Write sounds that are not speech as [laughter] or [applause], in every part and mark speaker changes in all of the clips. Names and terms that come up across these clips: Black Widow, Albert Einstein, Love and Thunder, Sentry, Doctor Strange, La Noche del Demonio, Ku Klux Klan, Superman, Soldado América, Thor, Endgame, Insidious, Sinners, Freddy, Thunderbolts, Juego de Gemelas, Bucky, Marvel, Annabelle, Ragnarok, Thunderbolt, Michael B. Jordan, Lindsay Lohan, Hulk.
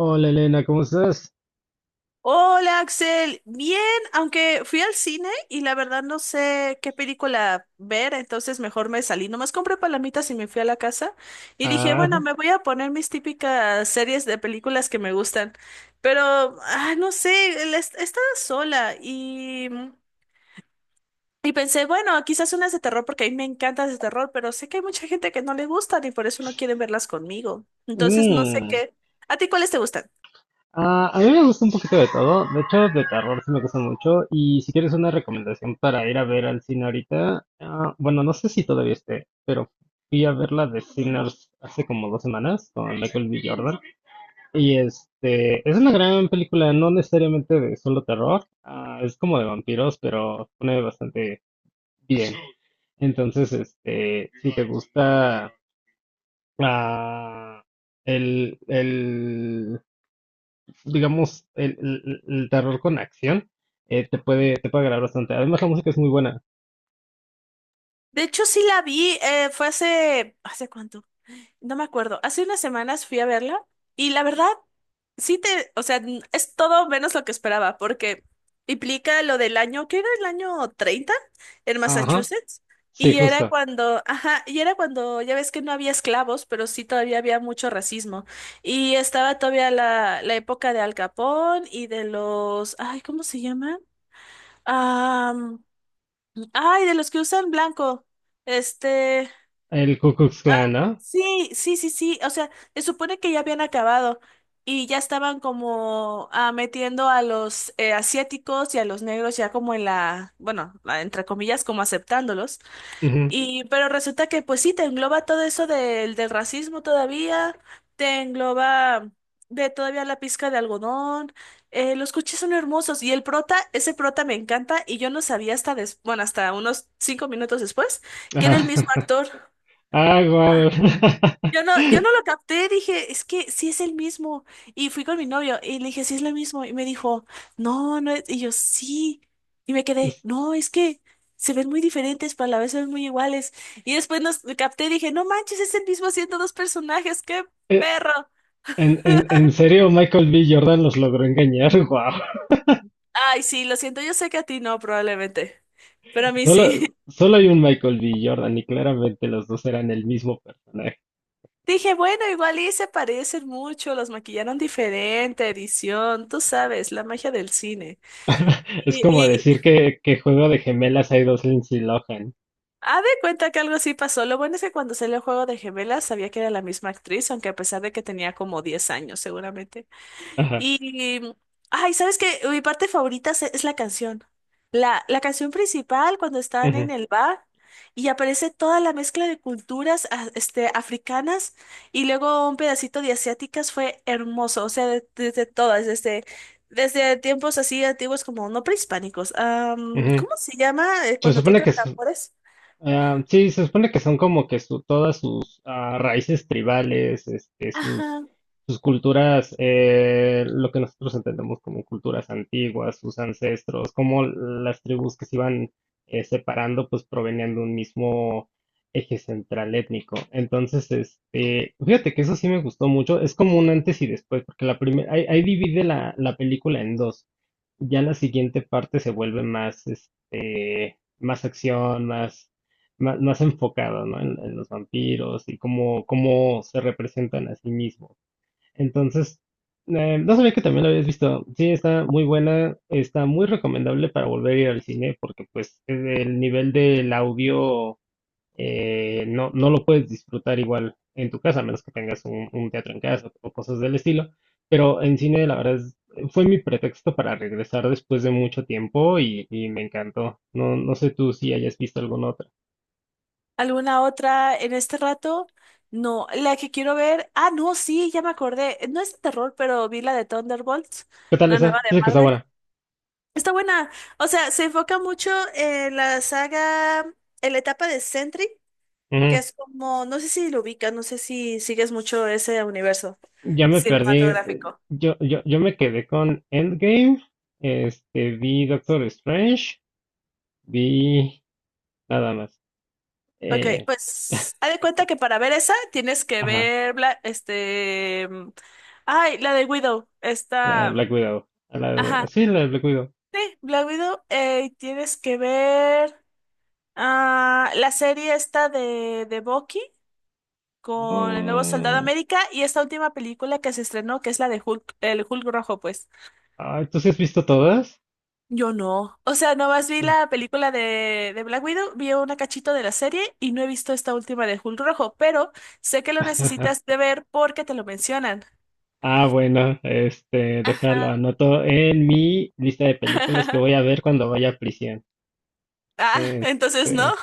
Speaker 1: Hola Elena, ¿cómo estás?
Speaker 2: Hola Axel, bien, aunque fui al cine y la verdad no sé qué película ver, entonces mejor me salí. Nomás compré palomitas y me fui a la casa y dije, bueno,
Speaker 1: Ah,
Speaker 2: me voy a poner mis típicas series de películas que me gustan, pero no sé, estaba sola y pensé, bueno, quizás unas de terror porque a mí me encantan de terror, pero sé que hay mucha gente que no le gustan y por eso no quieren verlas conmigo. Entonces no sé
Speaker 1: mm.
Speaker 2: qué. ¿A ti cuáles te gustan?
Speaker 1: A mí me gusta un poquito de todo, de hecho de terror sí me gusta mucho. Y si quieres una recomendación para ir a ver al cine ahorita, bueno, no sé si todavía esté, pero fui a ver la de Sinners hace como dos semanas con Michael B. Jordan, y este es una gran película, no necesariamente de solo terror. Es como de vampiros, pero pone bastante bien. Entonces, este, si te gusta... ah, el, el, digamos, el terror con acción, te puede agradar bastante. Además, la música es muy buena.
Speaker 2: De hecho, sí la vi, fue hace, ¿hace cuánto? No me acuerdo. Hace unas semanas fui a verla y la verdad, sí te, o sea, es todo menos lo que esperaba, porque implica lo del año, que era el año 30 en
Speaker 1: Ajá,
Speaker 2: Massachusetts,
Speaker 1: sí,
Speaker 2: y era
Speaker 1: justo.
Speaker 2: cuando, ajá, y era cuando ya ves que no había esclavos, pero sí todavía había mucho racismo. Y estaba todavía la época de Al Capone y de los, ay, ¿cómo se llaman? Ah, ay, de los que usan blanco. Este.
Speaker 1: El Ku Klux Klan, ¿no?
Speaker 2: Sí, sí, sí, sí. O sea, se supone que ya habían acabado y ya estaban como metiendo a los asiáticos y a los negros ya como en la, bueno, entre comillas, como aceptándolos.
Speaker 1: Ujú.
Speaker 2: Y, pero resulta que pues sí, te engloba todo eso del racismo todavía, te engloba de todavía la pizca de algodón. Los coches son hermosos y el prota, ese prota me encanta y yo no sabía hasta, bueno, hasta unos 5 minutos después que era el mismo
Speaker 1: [laughs]
Speaker 2: actor.
Speaker 1: Ah, guau.
Speaker 2: Yo no lo
Speaker 1: [laughs]
Speaker 2: capté, dije, es que sí es el mismo. Y fui con mi novio y le dije, sí es lo mismo. Y me dijo, no, no es. Y yo, sí. Y me quedé, no, es que se ven muy diferentes, pero a la vez se ven muy iguales. Y después nos capté y dije, no manches, es el mismo haciendo dos personajes, qué
Speaker 1: Eh,
Speaker 2: perro.
Speaker 1: En serio, Michael B. Jordan los logró engañar. [laughs] Wow.
Speaker 2: Ay, sí, lo siento, yo sé que a ti no, probablemente. Pero a mí sí.
Speaker 1: Solo, solo hay un Michael B. Jordan y claramente los dos eran el mismo personaje.
Speaker 2: [laughs] Dije, bueno, igual y se parecen mucho, los maquillaron diferente, edición, tú sabes, la magia del cine.
Speaker 1: [laughs] Es como
Speaker 2: Y,
Speaker 1: decir que, Juego de Gemelas hay dos Lindsay Lohan.
Speaker 2: de cuenta que algo sí pasó. Lo bueno es que cuando salió el juego de gemelas sabía que era la misma actriz, aunque a pesar de que tenía como 10 años seguramente.
Speaker 1: Ajá,
Speaker 2: Y, ay, ¿sabes qué? Mi parte favorita es la canción. La canción principal cuando están en
Speaker 1: ujú,
Speaker 2: el bar y aparece toda la mezcla de culturas este, africanas y luego un pedacito de asiáticas fue hermoso. O sea, desde tiempos así antiguos como no prehispánicos.
Speaker 1: ujú.
Speaker 2: ¿Cómo se llama
Speaker 1: Se
Speaker 2: cuando
Speaker 1: supone
Speaker 2: tocan
Speaker 1: que se...
Speaker 2: tambores?
Speaker 1: ah, sí, se supone que son como que su, todas sus raíces tribales, este, sus,
Speaker 2: Ajá.
Speaker 1: sus culturas, lo que nosotros entendemos como culturas antiguas, sus ancestros, como las tribus que se iban separando, pues provenían de un mismo eje central étnico. Entonces, este, fíjate que eso sí me gustó mucho, es como un antes y después, porque la primera, ahí, ahí divide la, la película en dos. Ya la siguiente parte se vuelve más, este, más acción, más más enfocado, ¿no? En los vampiros y cómo, cómo se representan a sí mismos. Entonces, no sabía que también lo habías visto. Sí, está muy buena, está muy recomendable para volver a ir al cine, porque pues el nivel del audio no, no lo puedes disfrutar igual en tu casa, a menos que tengas un teatro en casa o cosas del estilo. Pero en cine, la verdad es, fue mi pretexto para regresar después de mucho tiempo y me encantó. No, no sé tú si hayas visto alguna otra.
Speaker 2: ¿Alguna otra en este rato? No, la que quiero ver. No, sí, ya me acordé. No es de terror, pero vi la de Thunderbolts,
Speaker 1: ¿Qué tal
Speaker 2: la nueva
Speaker 1: esa?
Speaker 2: de
Speaker 1: Dice que está
Speaker 2: Marvel.
Speaker 1: buena.
Speaker 2: Está buena. O sea, se enfoca mucho en la saga, en la etapa de Sentry, que
Speaker 1: Ujú.
Speaker 2: es como, no sé si lo ubicas, no sé si sigues mucho ese universo
Speaker 1: Ya me perdí.
Speaker 2: cinematográfico.
Speaker 1: Yo, yo me quedé con Endgame. Este, vi Doctor Strange. Vi nada más.
Speaker 2: Ok,
Speaker 1: Eh,
Speaker 2: pues
Speaker 1: [laughs]
Speaker 2: haz de cuenta que para ver esa tienes que
Speaker 1: ajá,
Speaker 2: ver, este, ay, la de Widow,
Speaker 1: la de
Speaker 2: esta.
Speaker 1: Black Widow.
Speaker 2: Ajá,
Speaker 1: Sí, la de Black Widow.
Speaker 2: sí, Black Widow, tienes que ver la serie esta de Bucky con el nuevo Soldado
Speaker 1: Mm,
Speaker 2: América y esta última película que se estrenó, que es la de Hulk, el Hulk rojo, pues.
Speaker 1: ay, ¿tú sí has visto todas?
Speaker 2: Yo no. O sea, nomás vi la película de Black Widow, vi una cachito de la serie y no he visto esta última de Hulk rojo, pero sé que lo necesitas
Speaker 1: [laughs]
Speaker 2: de ver porque te lo mencionan.
Speaker 1: Ah, bueno, este, déjalo,
Speaker 2: Ajá.
Speaker 1: anoto en mi lista de películas que voy
Speaker 2: [laughs]
Speaker 1: a ver cuando vaya a prisión.
Speaker 2: Entonces
Speaker 1: Este.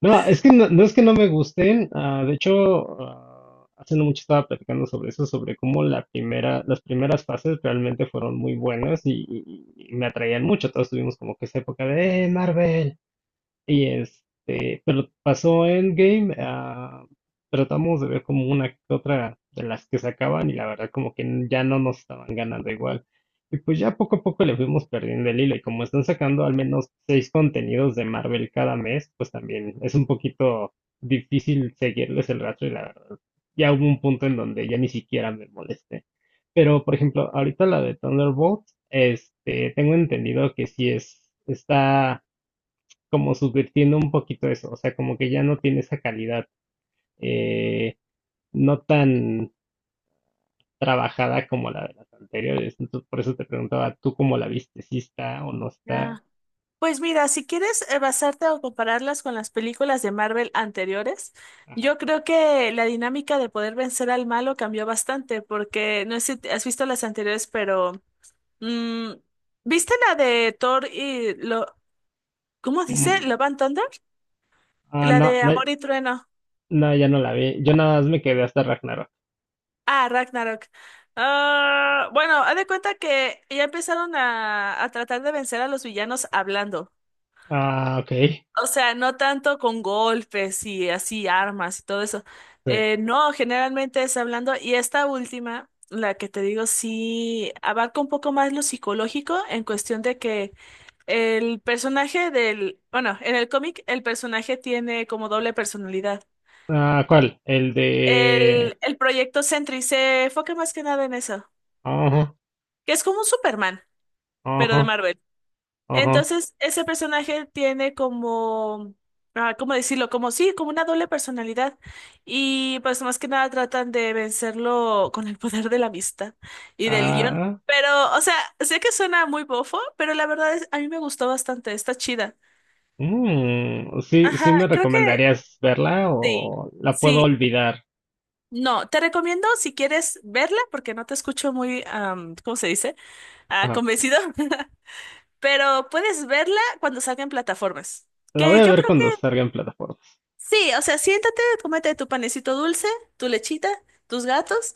Speaker 1: No, es que no, no es que no me gusten. De hecho, hace no mucho estaba platicando sobre eso, sobre cómo la primera, las primeras fases realmente fueron muy buenas, y me atraían mucho. Todos tuvimos como que esa época de Marvel". Y este, pero pasó Endgame. Tratamos de ver como una que otra de las que sacaban y la verdad como que ya no nos estaban ganando igual. Y pues ya poco a poco le fuimos perdiendo el hilo, y como están sacando al menos seis contenidos de Marvel cada mes, pues también es un poquito difícil seguirles el rastro, y la verdad ya hubo un punto en donde ya ni siquiera me molesté. Pero por ejemplo, ahorita la de Thunderbolt, este, tengo entendido que sí es, está como subvirtiendo un poquito eso, o sea, como que ya no tiene esa calidad eh, no tan trabajada como la de las anteriores. Entonces, por eso te preguntaba, ¿tú cómo la viste? ¿Si está o no está?
Speaker 2: no. Pues mira, si quieres basarte o compararlas con las películas de Marvel anteriores,
Speaker 1: Ajá.
Speaker 2: yo creo que la dinámica de poder vencer al malo cambió bastante, porque no sé si has visto las anteriores, pero mm, ¿viste la de Thor y lo, ¿cómo dice?
Speaker 1: Mm,
Speaker 2: ¿Love and Thunder?
Speaker 1: ah,
Speaker 2: La
Speaker 1: no,
Speaker 2: de
Speaker 1: no,
Speaker 2: Amor y Trueno.
Speaker 1: no, ya no la vi. Yo nada más me quedé hasta Ragnarok.
Speaker 2: Ah, Ragnarok. Ah, bueno, haz de cuenta que ya empezaron a tratar de vencer a los villanos hablando.
Speaker 1: Ah, ok.
Speaker 2: O sea, no tanto con golpes y así armas y todo eso.
Speaker 1: Sí.
Speaker 2: No, generalmente es hablando. Y esta última, la que te digo, sí abarca un poco más lo psicológico en cuestión de que el personaje del, bueno, en el cómic el personaje tiene como doble personalidad.
Speaker 1: Ah, ¿cuál? El de...
Speaker 2: El proyecto Sentry se enfoca más que nada en eso,
Speaker 1: Ajá,
Speaker 2: que es como un Superman, pero
Speaker 1: ajá,
Speaker 2: de Marvel.
Speaker 1: ajá.
Speaker 2: Entonces, ese personaje tiene como, ¿cómo decirlo? Como sí, como una doble personalidad. Y pues más que nada tratan de vencerlo con el poder de la amistad y del guión.
Speaker 1: Ah,
Speaker 2: Pero, o sea, sé que suena muy bofo, pero la verdad es, a mí me gustó bastante, está chida.
Speaker 1: mm, sí, ¿sí
Speaker 2: Ajá,
Speaker 1: me
Speaker 2: creo que
Speaker 1: recomendarías verla
Speaker 2: sí.
Speaker 1: o la puedo
Speaker 2: Sí.
Speaker 1: olvidar?
Speaker 2: No, te recomiendo si quieres verla, porque no te escucho muy, ¿cómo se dice? Convencido. [laughs] Pero puedes verla cuando salga en plataformas.
Speaker 1: La voy
Speaker 2: Que
Speaker 1: a
Speaker 2: yo
Speaker 1: ver
Speaker 2: creo.
Speaker 1: cuando salga en plataformas.
Speaker 2: Sí, o sea, siéntate, cómete tu panecito dulce, tu lechita, tus gatos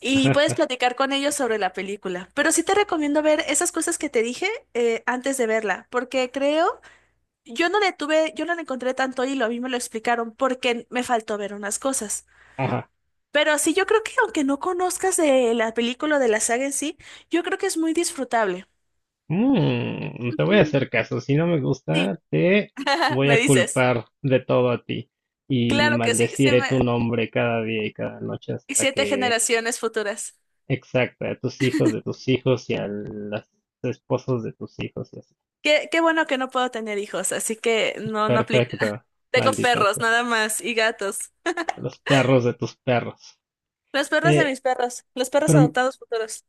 Speaker 2: y puedes
Speaker 1: [laughs]
Speaker 2: platicar con ellos sobre la película. Pero sí te recomiendo ver esas cosas que te dije antes de verla, porque creo, yo no le tuve, yo no le encontré tanto hilo, a mí me lo explicaron porque me faltó ver unas cosas.
Speaker 1: Ajá.
Speaker 2: Pero sí, yo creo que aunque no conozcas de la película o de la saga en sí, yo creo que es muy disfrutable.
Speaker 1: Mm, te voy a
Speaker 2: Ujú,
Speaker 1: hacer caso. Si no me
Speaker 2: sí,
Speaker 1: gusta, te
Speaker 2: [laughs]
Speaker 1: voy
Speaker 2: me
Speaker 1: a
Speaker 2: dices.
Speaker 1: culpar de todo a ti y
Speaker 2: Claro que sí, sí
Speaker 1: maldeciré tu
Speaker 2: me...
Speaker 1: nombre cada día y cada noche
Speaker 2: y
Speaker 1: hasta
Speaker 2: siete
Speaker 1: que...
Speaker 2: generaciones futuras.
Speaker 1: exacta a tus hijos de tus hijos y a los esposos de tus hijos y así.
Speaker 2: Qué bueno que no puedo tener hijos, así que no, no aplica.
Speaker 1: Perfecto,
Speaker 2: [laughs] Tengo
Speaker 1: maldita
Speaker 2: perros
Speaker 1: sea.
Speaker 2: nada más y gatos.
Speaker 1: A los perros de tus perros.
Speaker 2: Los perros de
Speaker 1: Eh,
Speaker 2: mis perros, los perros
Speaker 1: pero...
Speaker 2: adoptados futuros.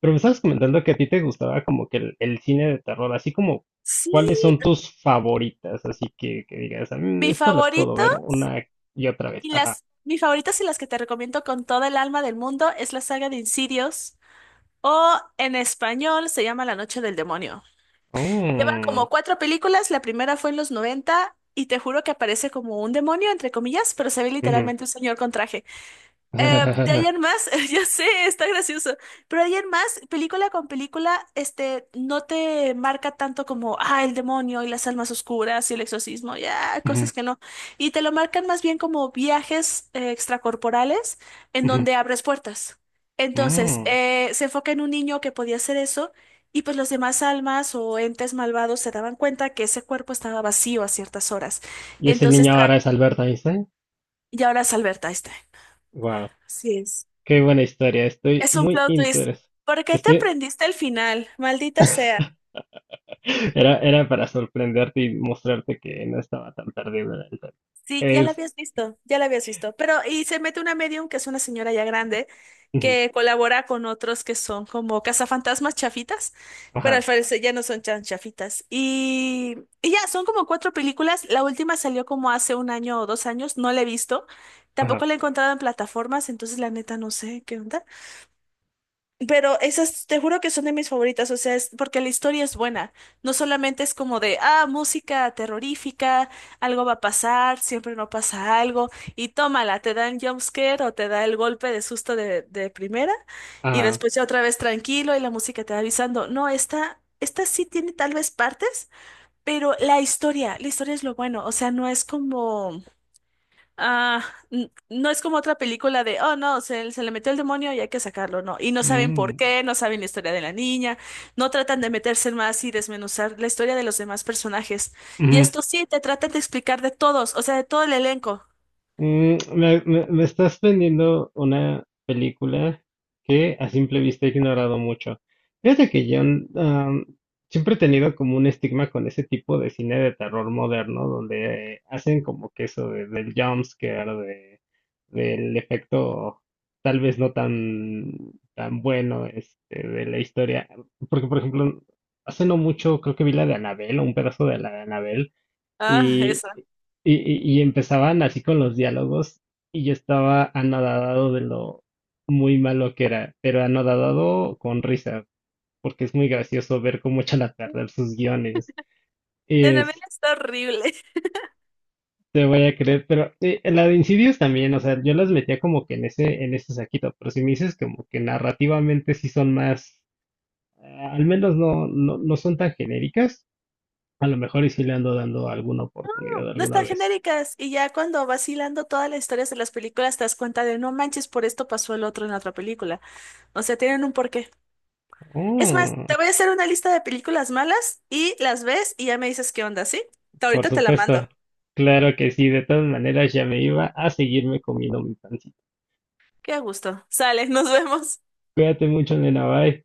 Speaker 1: pero me estabas comentando que a ti te gustaba como que el cine de terror, así como,
Speaker 2: Sí,
Speaker 1: ¿cuáles son tus favoritas? Así que digas, "Mm,
Speaker 2: mi
Speaker 1: estas las puedo
Speaker 2: favorito
Speaker 1: ver una y otra vez".
Speaker 2: y
Speaker 1: Ajá.
Speaker 2: mis favoritas y las que te recomiendo con toda el alma del mundo es la saga de Insidious o en español se llama La Noche del Demonio. Llevan
Speaker 1: Mm,
Speaker 2: como cuatro películas, la primera fue en los 90 y te juro que aparece como un demonio, entre comillas, pero se ve
Speaker 1: ujú,
Speaker 2: literalmente un señor con traje. De ahí
Speaker 1: [laughs]
Speaker 2: en más, [laughs] ya sé, está gracioso, pero de ahí en más, película con película, este, no te marca tanto como, el demonio y las almas oscuras y el exorcismo, ya,
Speaker 1: ujú,
Speaker 2: cosas que no, y te lo marcan más bien como viajes extracorporales en
Speaker 1: ujú,
Speaker 2: donde abres puertas. Entonces,
Speaker 1: mm.
Speaker 2: se enfoca en un niño que podía hacer eso y pues los demás almas o entes malvados se daban cuenta que ese cuerpo estaba vacío a ciertas horas.
Speaker 1: Y ese
Speaker 2: Entonces,
Speaker 1: niño ahora es Albert Einstein.
Speaker 2: y ahora es Alberta, ahí está.
Speaker 1: Wow,
Speaker 2: Así es.
Speaker 1: qué buena historia. Estoy
Speaker 2: Es un
Speaker 1: muy
Speaker 2: plot twist.
Speaker 1: interesado.
Speaker 2: ¿Por qué te
Speaker 1: Estoy...
Speaker 2: aprendiste el final? Maldita sea.
Speaker 1: [laughs] era, era para sorprenderte y mostrarte que no estaba tan perdido en tema.
Speaker 2: Sí, ya la
Speaker 1: Es.
Speaker 2: habías visto, ya la habías visto. Pero, y se mete una medium, que es una señora ya grande,
Speaker 1: Ujú,
Speaker 2: que colabora con otros que son como cazafantasmas chafitas, pero al
Speaker 1: ajá,
Speaker 2: parecer ya no son tan chafitas. Y ya, son como cuatro películas. La última salió como hace un año o 2 años, no la he visto. Tampoco
Speaker 1: ajá,
Speaker 2: la he encontrado en plataformas, entonces la neta no sé qué onda. Pero esas, te juro que son de mis favoritas, o sea, es porque la historia es buena. No solamente es como de, música terrorífica, algo va a pasar, siempre no pasa algo, y tómala, te dan jumpscare o te da el golpe de susto de primera, y
Speaker 1: ajá.
Speaker 2: después ya otra vez tranquilo y la música te va avisando. No, esta sí tiene tal vez partes, pero la historia es lo bueno, o sea, no es como. Ah, no es como otra película de, oh no, se le metió el demonio y hay que sacarlo, no. Y no saben por qué, no saben la historia de la niña, no tratan de meterse más y desmenuzar la historia de los demás personajes. Y
Speaker 1: mm,
Speaker 2: esto sí, te tratan de explicar de todos, o sea, de todo el elenco.
Speaker 1: Mm, me, me estás vendiendo una película que a simple vista he ignorado mucho. Fíjate que yo mm, siempre he tenido como un estigma con ese tipo de cine de terror moderno, donde hacen como que eso del jumpscare, de, del efecto tal vez no tan, tan bueno este, de la historia. Porque, por ejemplo, hace no mucho creo que vi la de Annabelle o un pedazo de la de Annabelle,
Speaker 2: Ah,
Speaker 1: y,
Speaker 2: esa.
Speaker 1: y empezaban así con los diálogos, y yo estaba anodadado de lo muy malo que era, pero anodadado con risa, porque es muy gracioso ver cómo [laughs] echa la tarde sus guiones.
Speaker 2: Annabelle
Speaker 1: Es...
Speaker 2: está horrible. [laughs]
Speaker 1: te voy a creer, pero la de Insidious también, o sea, yo las metía como que en ese saquito, pero si me dices como que narrativamente sí son más, al menos no, no, no son tan genéricas, a lo mejor y sí le ando dando alguna oportunidad
Speaker 2: No
Speaker 1: alguna
Speaker 2: están
Speaker 1: vez.
Speaker 2: genéricas. Y ya cuando vacilando todas las historias de las películas te das cuenta de, no manches, por esto pasó el otro en la otra película. O sea, tienen un porqué. Es más, te
Speaker 1: Oh.
Speaker 2: voy a hacer una lista de películas malas y las ves y ya me dices qué onda, ¿sí?
Speaker 1: Por
Speaker 2: Ahorita te la
Speaker 1: supuesto,
Speaker 2: mando.
Speaker 1: claro que sí, de todas maneras ya me iba a seguirme comiendo mi pancito.
Speaker 2: Qué gusto. Sale, nos vemos.
Speaker 1: Cuídate mucho, nena, bye.